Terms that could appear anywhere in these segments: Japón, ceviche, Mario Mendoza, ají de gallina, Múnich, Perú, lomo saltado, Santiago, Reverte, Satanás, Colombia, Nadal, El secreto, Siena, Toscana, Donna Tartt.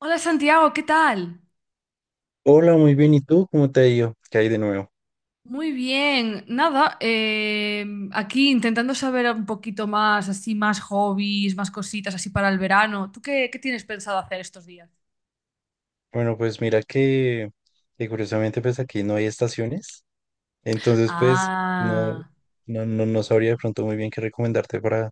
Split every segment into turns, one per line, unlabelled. Hola Santiago, ¿qué tal?
Hola, muy bien. ¿Y tú? ¿Cómo te ha ido? ¿Qué hay de nuevo?
Muy bien, nada, aquí intentando saber un poquito más, así más hobbies, más cositas así para el verano. ¿Tú qué tienes pensado hacer estos días?
Bueno, pues mira que curiosamente pues aquí no hay estaciones, entonces pues no,
Ah,
no, no sabría de pronto muy bien qué recomendarte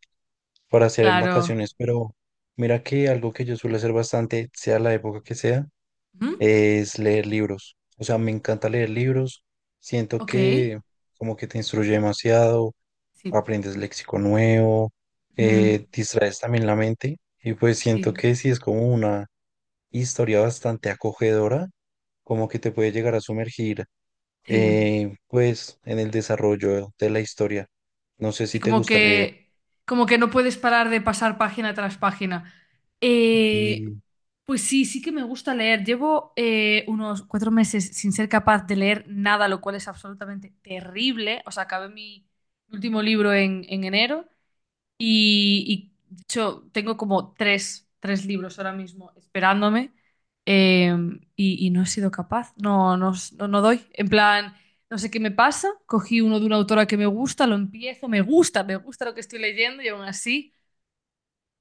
para hacer en
claro.
vacaciones, pero mira que algo que yo suelo hacer bastante, sea la época que sea,
¿Mm?
es leer libros. O sea, me encanta leer libros, siento
Ok,
que como que te instruye demasiado,
sí.
aprendes léxico nuevo,
Ujú,
distraes también la mente y pues siento
sí,
que sí es como una historia bastante acogedora, como que te puede llegar a sumergir,
sí.
pues, en el desarrollo de la historia. No sé
Sí,
si te gusta leer.
como que no puedes parar de pasar página tras página. Eh,
Y
pues sí, sí que me gusta leer. Llevo unos 4 meses sin ser capaz de leer nada, lo cual es absolutamente terrible. O sea, acabé mi último libro en enero y, de hecho, tengo como tres libros ahora mismo esperándome eh, y no he sido capaz, no doy. En plan, no sé qué me pasa, cogí uno de una autora que me gusta, lo empiezo, me gusta lo que estoy leyendo y aún así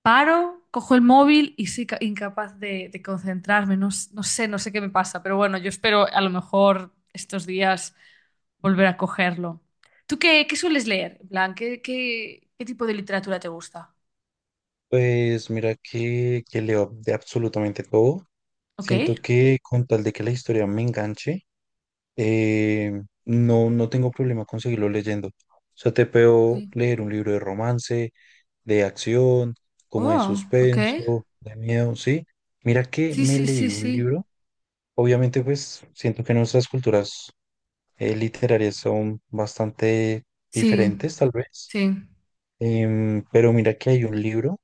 paro, cojo el móvil y soy incapaz de concentrarme, no, no no sé qué me pasa, pero bueno, yo espero a lo mejor estos días volver a cogerlo. ¿Tú qué sueles leer? En plan, qué tipo de literatura te gusta?
pues mira que leo de absolutamente todo.
Ok.
Siento que con tal de que la historia me enganche, no, no tengo problema con seguirlo leyendo. O sea, te puedo
Ok.
leer un libro de romance, de acción, como de
Oh, ok.
suspenso, de miedo, ¿sí? Mira que
Sí,
me
sí,
leí
sí,
un
sí.
libro. Obviamente, pues siento que nuestras culturas literarias son bastante
Sí,
diferentes, tal vez.
sí.
Pero mira que hay un libro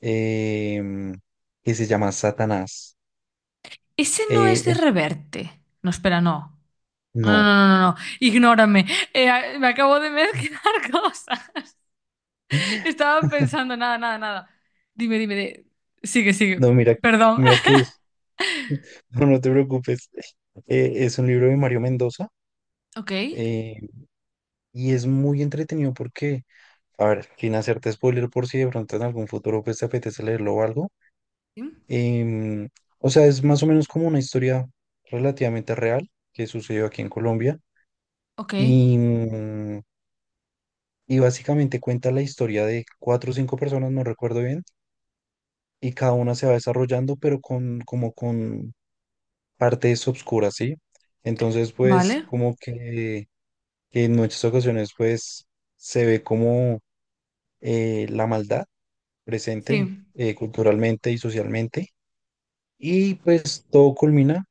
em, que se llama Satanás.
Ese no
Eh,
es de
es,
Reverte. No, espera, no. No, no,
no,
no, no, no. No. Ignórame. Me acabo de mezclar cosas. Estaba pensando, nada, nada, nada. Dime, dime, sigue,
no,
sigue.
mira,
Perdón.
mira que es, no, no te preocupes. Es un libro de Mario Mendoza
Ok.
eh, y es muy entretenido porque, a ver, sin hacerte spoiler por si de pronto en algún futuro pues, te apetece leerlo o algo.
Sí.
Em, o sea, es más o menos como una historia relativamente real que sucedió aquí en Colombia.
Ok.
Y, mm, y básicamente cuenta la historia de cuatro o cinco personas, no recuerdo bien, y cada una se va desarrollando, pero con, como con partes obscuras, ¿sí? Entonces, pues,
Vale.
como que en muchas ocasiones, pues, se ve como la maldad presente
Sí.
culturalmente y socialmente. Y pues todo culmina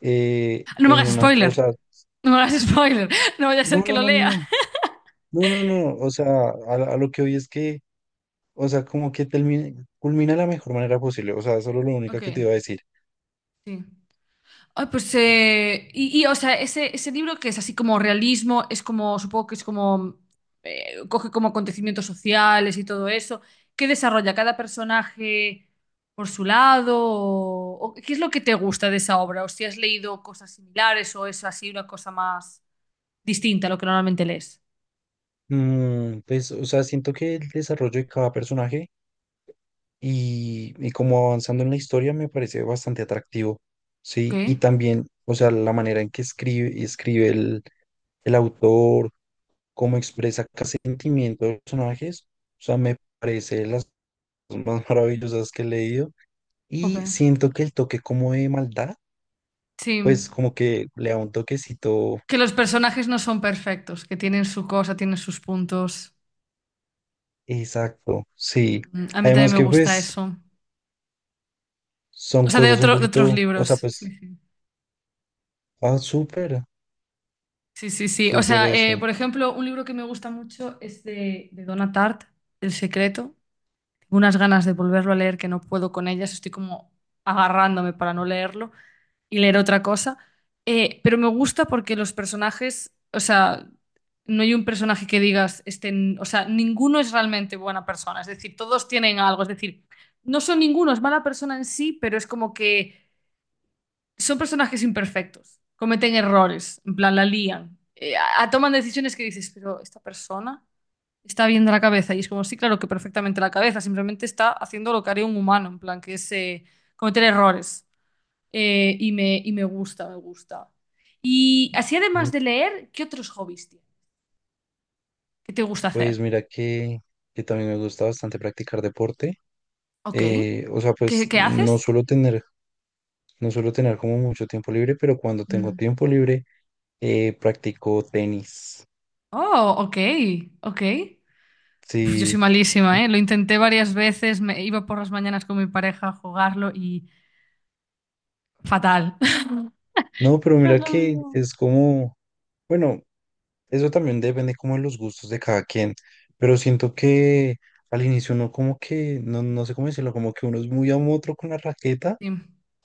No me
en
hagas
unas, o
spoiler.
sea,
No me hagas spoiler. No vaya a ser
no,
que
no,
lo
no,
lea.
no, no, no, no, o sea, a, a lo que hoy es que, o sea, como que termine, culmina de la mejor manera posible, o sea, solo lo único
Ok.
que te iba a decir.
Sí. Ay, pues, y, o sea, ese libro que es así como realismo, es como, supongo que es como, coge como acontecimientos sociales y todo eso, ¿qué desarrolla cada personaje por su lado? O qué es lo que te gusta de esa obra? ¿O si has leído cosas similares o es así una cosa más distinta a lo que normalmente lees?
Mm, pues, o sea, siento que el desarrollo de cada personaje y como avanzando en la historia me parece bastante atractivo,
Ok,
¿sí? Y también, o sea, la manera en que el autor, cómo expresa cada sentimiento de los personajes, o sea, me parece las cosas más maravillosas que he leído y
jope.
siento que el toque como de maldad,
Sí,
pues como que le da un toquecito.
que los personajes no son perfectos, que tienen su cosa, tienen sus puntos.
Exacto, sí.
Mm, a mí también
Además
me
que
gusta
pues
eso. O
son
sea,
cosas un
de otros
poquito, o sea,
libros. Sí,
pues,
sí.
ah, súper,
Sí, sí, sí. O
súper
sea,
eso.
por ejemplo, un libro que me gusta mucho es de Donna Tartt, El secreto. Tengo unas ganas de volverlo a leer que no puedo con ellas, estoy como agarrándome para no leerlo y leer otra cosa. Pero me gusta porque los personajes, o sea, no hay un personaje que digas, este, o sea, ninguno es realmente buena persona, es decir, todos tienen algo, es decir, no son ninguno, es mala persona en sí, pero es como que son personajes imperfectos, cometen errores, en plan, la lían, toman decisiones que dices, pero esta persona está bien de la cabeza. Y es como, sí, claro que perfectamente la cabeza, simplemente está haciendo lo que haría un humano, en plan, que es cometer errores. Y me gusta, me gusta. Y así,
Mm,
además de leer, ¿qué otros hobbies tienes? ¿Qué te gusta
pues
hacer?
mira que también me gusta bastante practicar deporte.
Ok.
O sea, pues
Qué haces?
no suelo tener como mucho tiempo libre, pero cuando tengo
Mm.
tiempo libre, practico tenis.
Oh, ok, ok. Uf, yo soy
Sí,
malísima, ¿eh? Lo intenté varias veces, me iba por las mañanas con mi pareja a jugarlo y fatal.
no, pero
No es
mira
lo
que
mío.
es como, bueno. Eso también depende como de los gustos de cada quien, pero siento que al inicio uno como que, no, no sé cómo decirlo, como que uno es muy amotro con la raqueta,
Sí,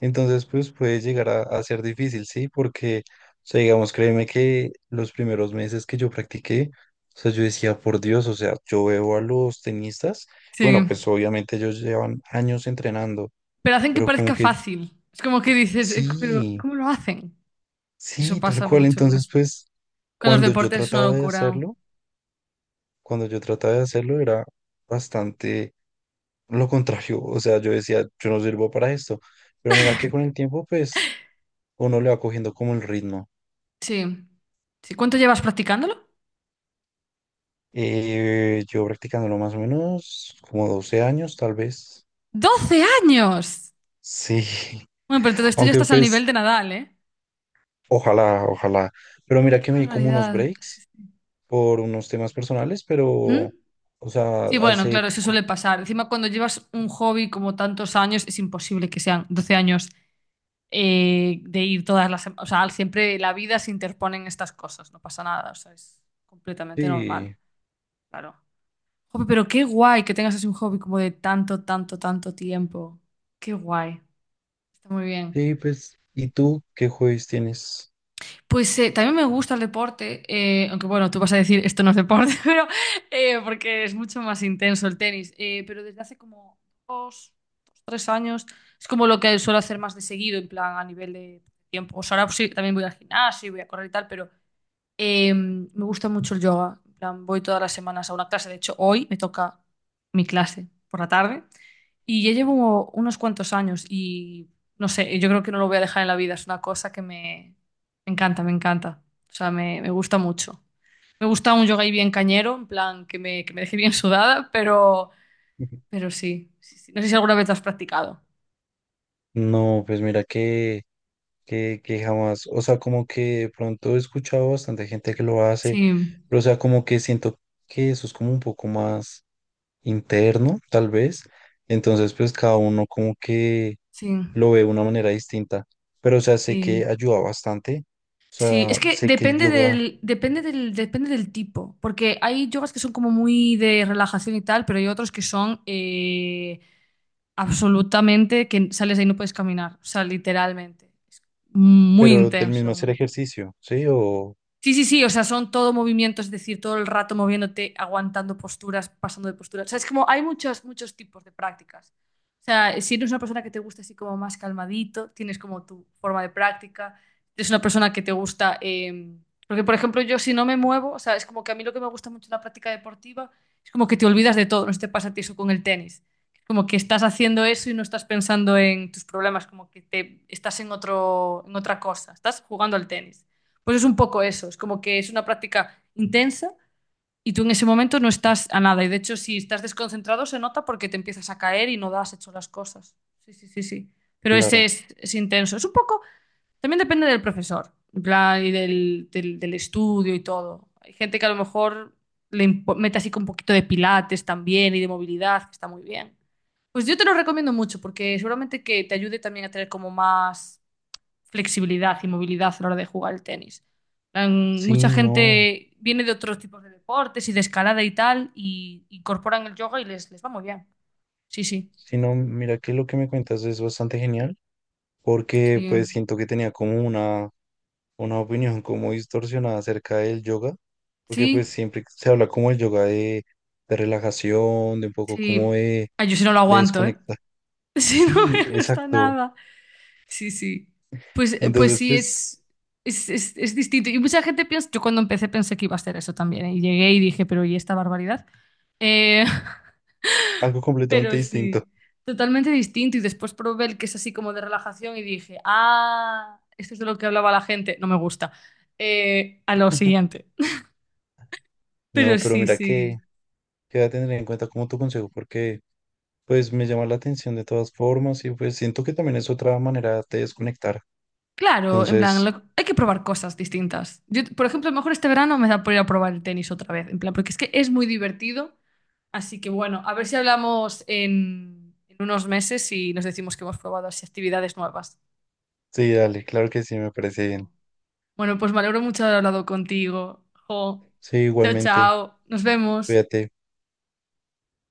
entonces pues puede llegar a ser difícil, ¿sí? Porque, o sea, digamos, créeme que los primeros meses que yo practiqué, o sea, yo decía, por Dios, o sea, yo veo a los tenistas,
sí.
bueno, pues obviamente ellos llevan años entrenando,
Pero hacen que
pero como
parezca
que
fácil. Es como que dices, pero
sí,
¿cómo lo hacen? Eso
sí, tal
pasa
cual,
mucho con,
entonces pues
con los
cuando yo
deportes, es una
trataba de
locura.
hacerlo, cuando yo trataba de hacerlo era bastante lo contrario, o sea, yo decía, yo no sirvo para esto, pero mira que con el tiempo, pues, uno le va cogiendo como el ritmo.
Sí. Sí. ¿Cuánto llevas practicándolo?
Yo practicándolo más o menos como 12 años, tal vez,
¡12 años!
sí,
Bueno, pero entonces tú ya
aunque
estás al
pues,
nivel de Nadal, ¿eh?
ojalá, ojalá, pero mira
¡Qué
que me di como unos
barbaridad! Sí,
breaks
sí.
por unos temas personales, pero,
¿Mm?
o sea,
Sí, bueno, claro, eso suele pasar. Encima, cuando llevas un hobby como tantos años, es imposible que sean 12 años de ir todas las semanas. O sea, siempre la vida se interponen estas cosas, no pasa nada, o sea, es completamente normal,
sí,
claro. Jope, pero qué guay que tengas así un hobby como de tanto, tanto, tanto tiempo. Qué guay, está muy bien.
sí, pues, ¿y tú qué jueves tienes?
Pues también me gusta el deporte, aunque bueno, tú vas a decir esto no es deporte, pero porque es mucho más intenso el tenis. Pero desde hace como dos, dos, tres años es como lo que suelo hacer más de seguido, en plan a nivel de tiempo. O sea, ahora pues, sí, también voy al gimnasio y voy a correr y tal, pero eh, me gusta mucho el yoga. En plan, voy todas las semanas a una clase. De hecho, hoy me toca mi clase por la tarde. Y ya llevo unos cuantos años y no sé, yo creo que no lo voy a dejar en la vida. Es una cosa que me encanta, me encanta. O sea, me gusta mucho. Me gusta un yoga ahí bien cañero, en plan, que me deje bien sudada, pero sí, sí, sí. No sé si alguna vez lo has practicado.
No, pues mira que... que jamás, o sea, como que de pronto he escuchado bastante gente que lo hace,
Sí,
pero o sea, como que siento que eso es como un poco más interno, tal vez, entonces pues cada uno como que
sí,
lo ve de una manera distinta, pero o sea, sé que
sí.
ayuda bastante, o
Sí, es
sea,
que
sé que el
depende
yoga,
depende depende del tipo, porque hay yogas que son como muy de relajación y tal, pero hay otros que son absolutamente que sales de ahí y no puedes caminar, o sea, literalmente. Es muy
pero del
intenso,
mismo
muy
hacer
intenso.
ejercicio, ¿sí? O,
Sí, sí, sí, o sea, son todo movimiento, es decir, todo el rato moviéndote, aguantando posturas, pasando de posturas. O sea, es como hay muchos, muchos tipos de prácticas. O sea, si eres una persona que te gusta así como más calmadito, tienes como tu forma de práctica. Si eres una persona que te gusta, porque por ejemplo yo si no me muevo, o sea, es como que a mí lo que me gusta mucho en la práctica deportiva es como que te olvidas de todo, no sé si te pasa a ti eso con el tenis. Como que estás haciendo eso y no estás pensando en tus problemas, como que te, estás en otro, en otra cosa, estás jugando al tenis. Pues es un poco eso, es como que es una práctica intensa y tú en ese momento no estás a nada. Y de hecho, si estás desconcentrado, se nota porque te empiezas a caer y no das hecho las cosas. Sí, sí, sí, sí. Pero ese
claro,
es intenso. Es un poco, también depende del profesor, en plan, del estudio y todo. Hay gente que a lo mejor mete así con un poquito de pilates también y de movilidad, que está muy bien. Pues yo te lo recomiendo mucho porque seguramente que te ayude también a tener como más flexibilidad y movilidad a la hora de jugar el tenis.
sí,
Mucha
no,
gente viene de otros tipos de deportes y de escalada y tal, y incorporan el yoga y les va muy bien. Sí, sí,
sí, no, mira que lo que me cuentas es bastante genial, porque
sí,
pues siento que tenía como una opinión como distorsionada acerca del yoga, porque
sí,
pues siempre se habla como el yoga de relajación, de un poco como
sí. Ay, yo si no lo
de
aguanto, ¿eh?
desconectar.
Si no me
Sí,
gusta
exacto.
nada. Sí, sí. Pues, pues
Entonces,
sí,
pues
es distinto. Y mucha gente piensa, yo cuando empecé pensé que iba a ser eso también, ¿eh? Y llegué y dije, pero ¿y esta barbaridad? Eh,
algo completamente
pero
distinto.
sí, totalmente distinto. Y después probé el que es así como de relajación y dije, ah, esto es de lo que hablaba la gente, no me gusta. A lo siguiente. Pero
No, pero
sí,
mira que,
sí.
que voy a tener en cuenta como tu consejo, porque pues me llama la atención de todas formas y pues siento que también es otra manera de desconectar.
Claro, en plan,
Entonces,
hay que probar cosas distintas. Yo, por ejemplo, a lo mejor este verano me da por ir a probar el tenis otra vez, en plan, porque es que es muy divertido. Así que bueno, a ver si hablamos en unos meses y nos decimos que hemos probado así actividades nuevas.
sí, dale, claro que sí, me parece bien.
Bueno, pues me alegro mucho de haber hablado contigo. Jo.
Sí,
Chao,
igualmente,
chao. Nos vemos.
cuídate.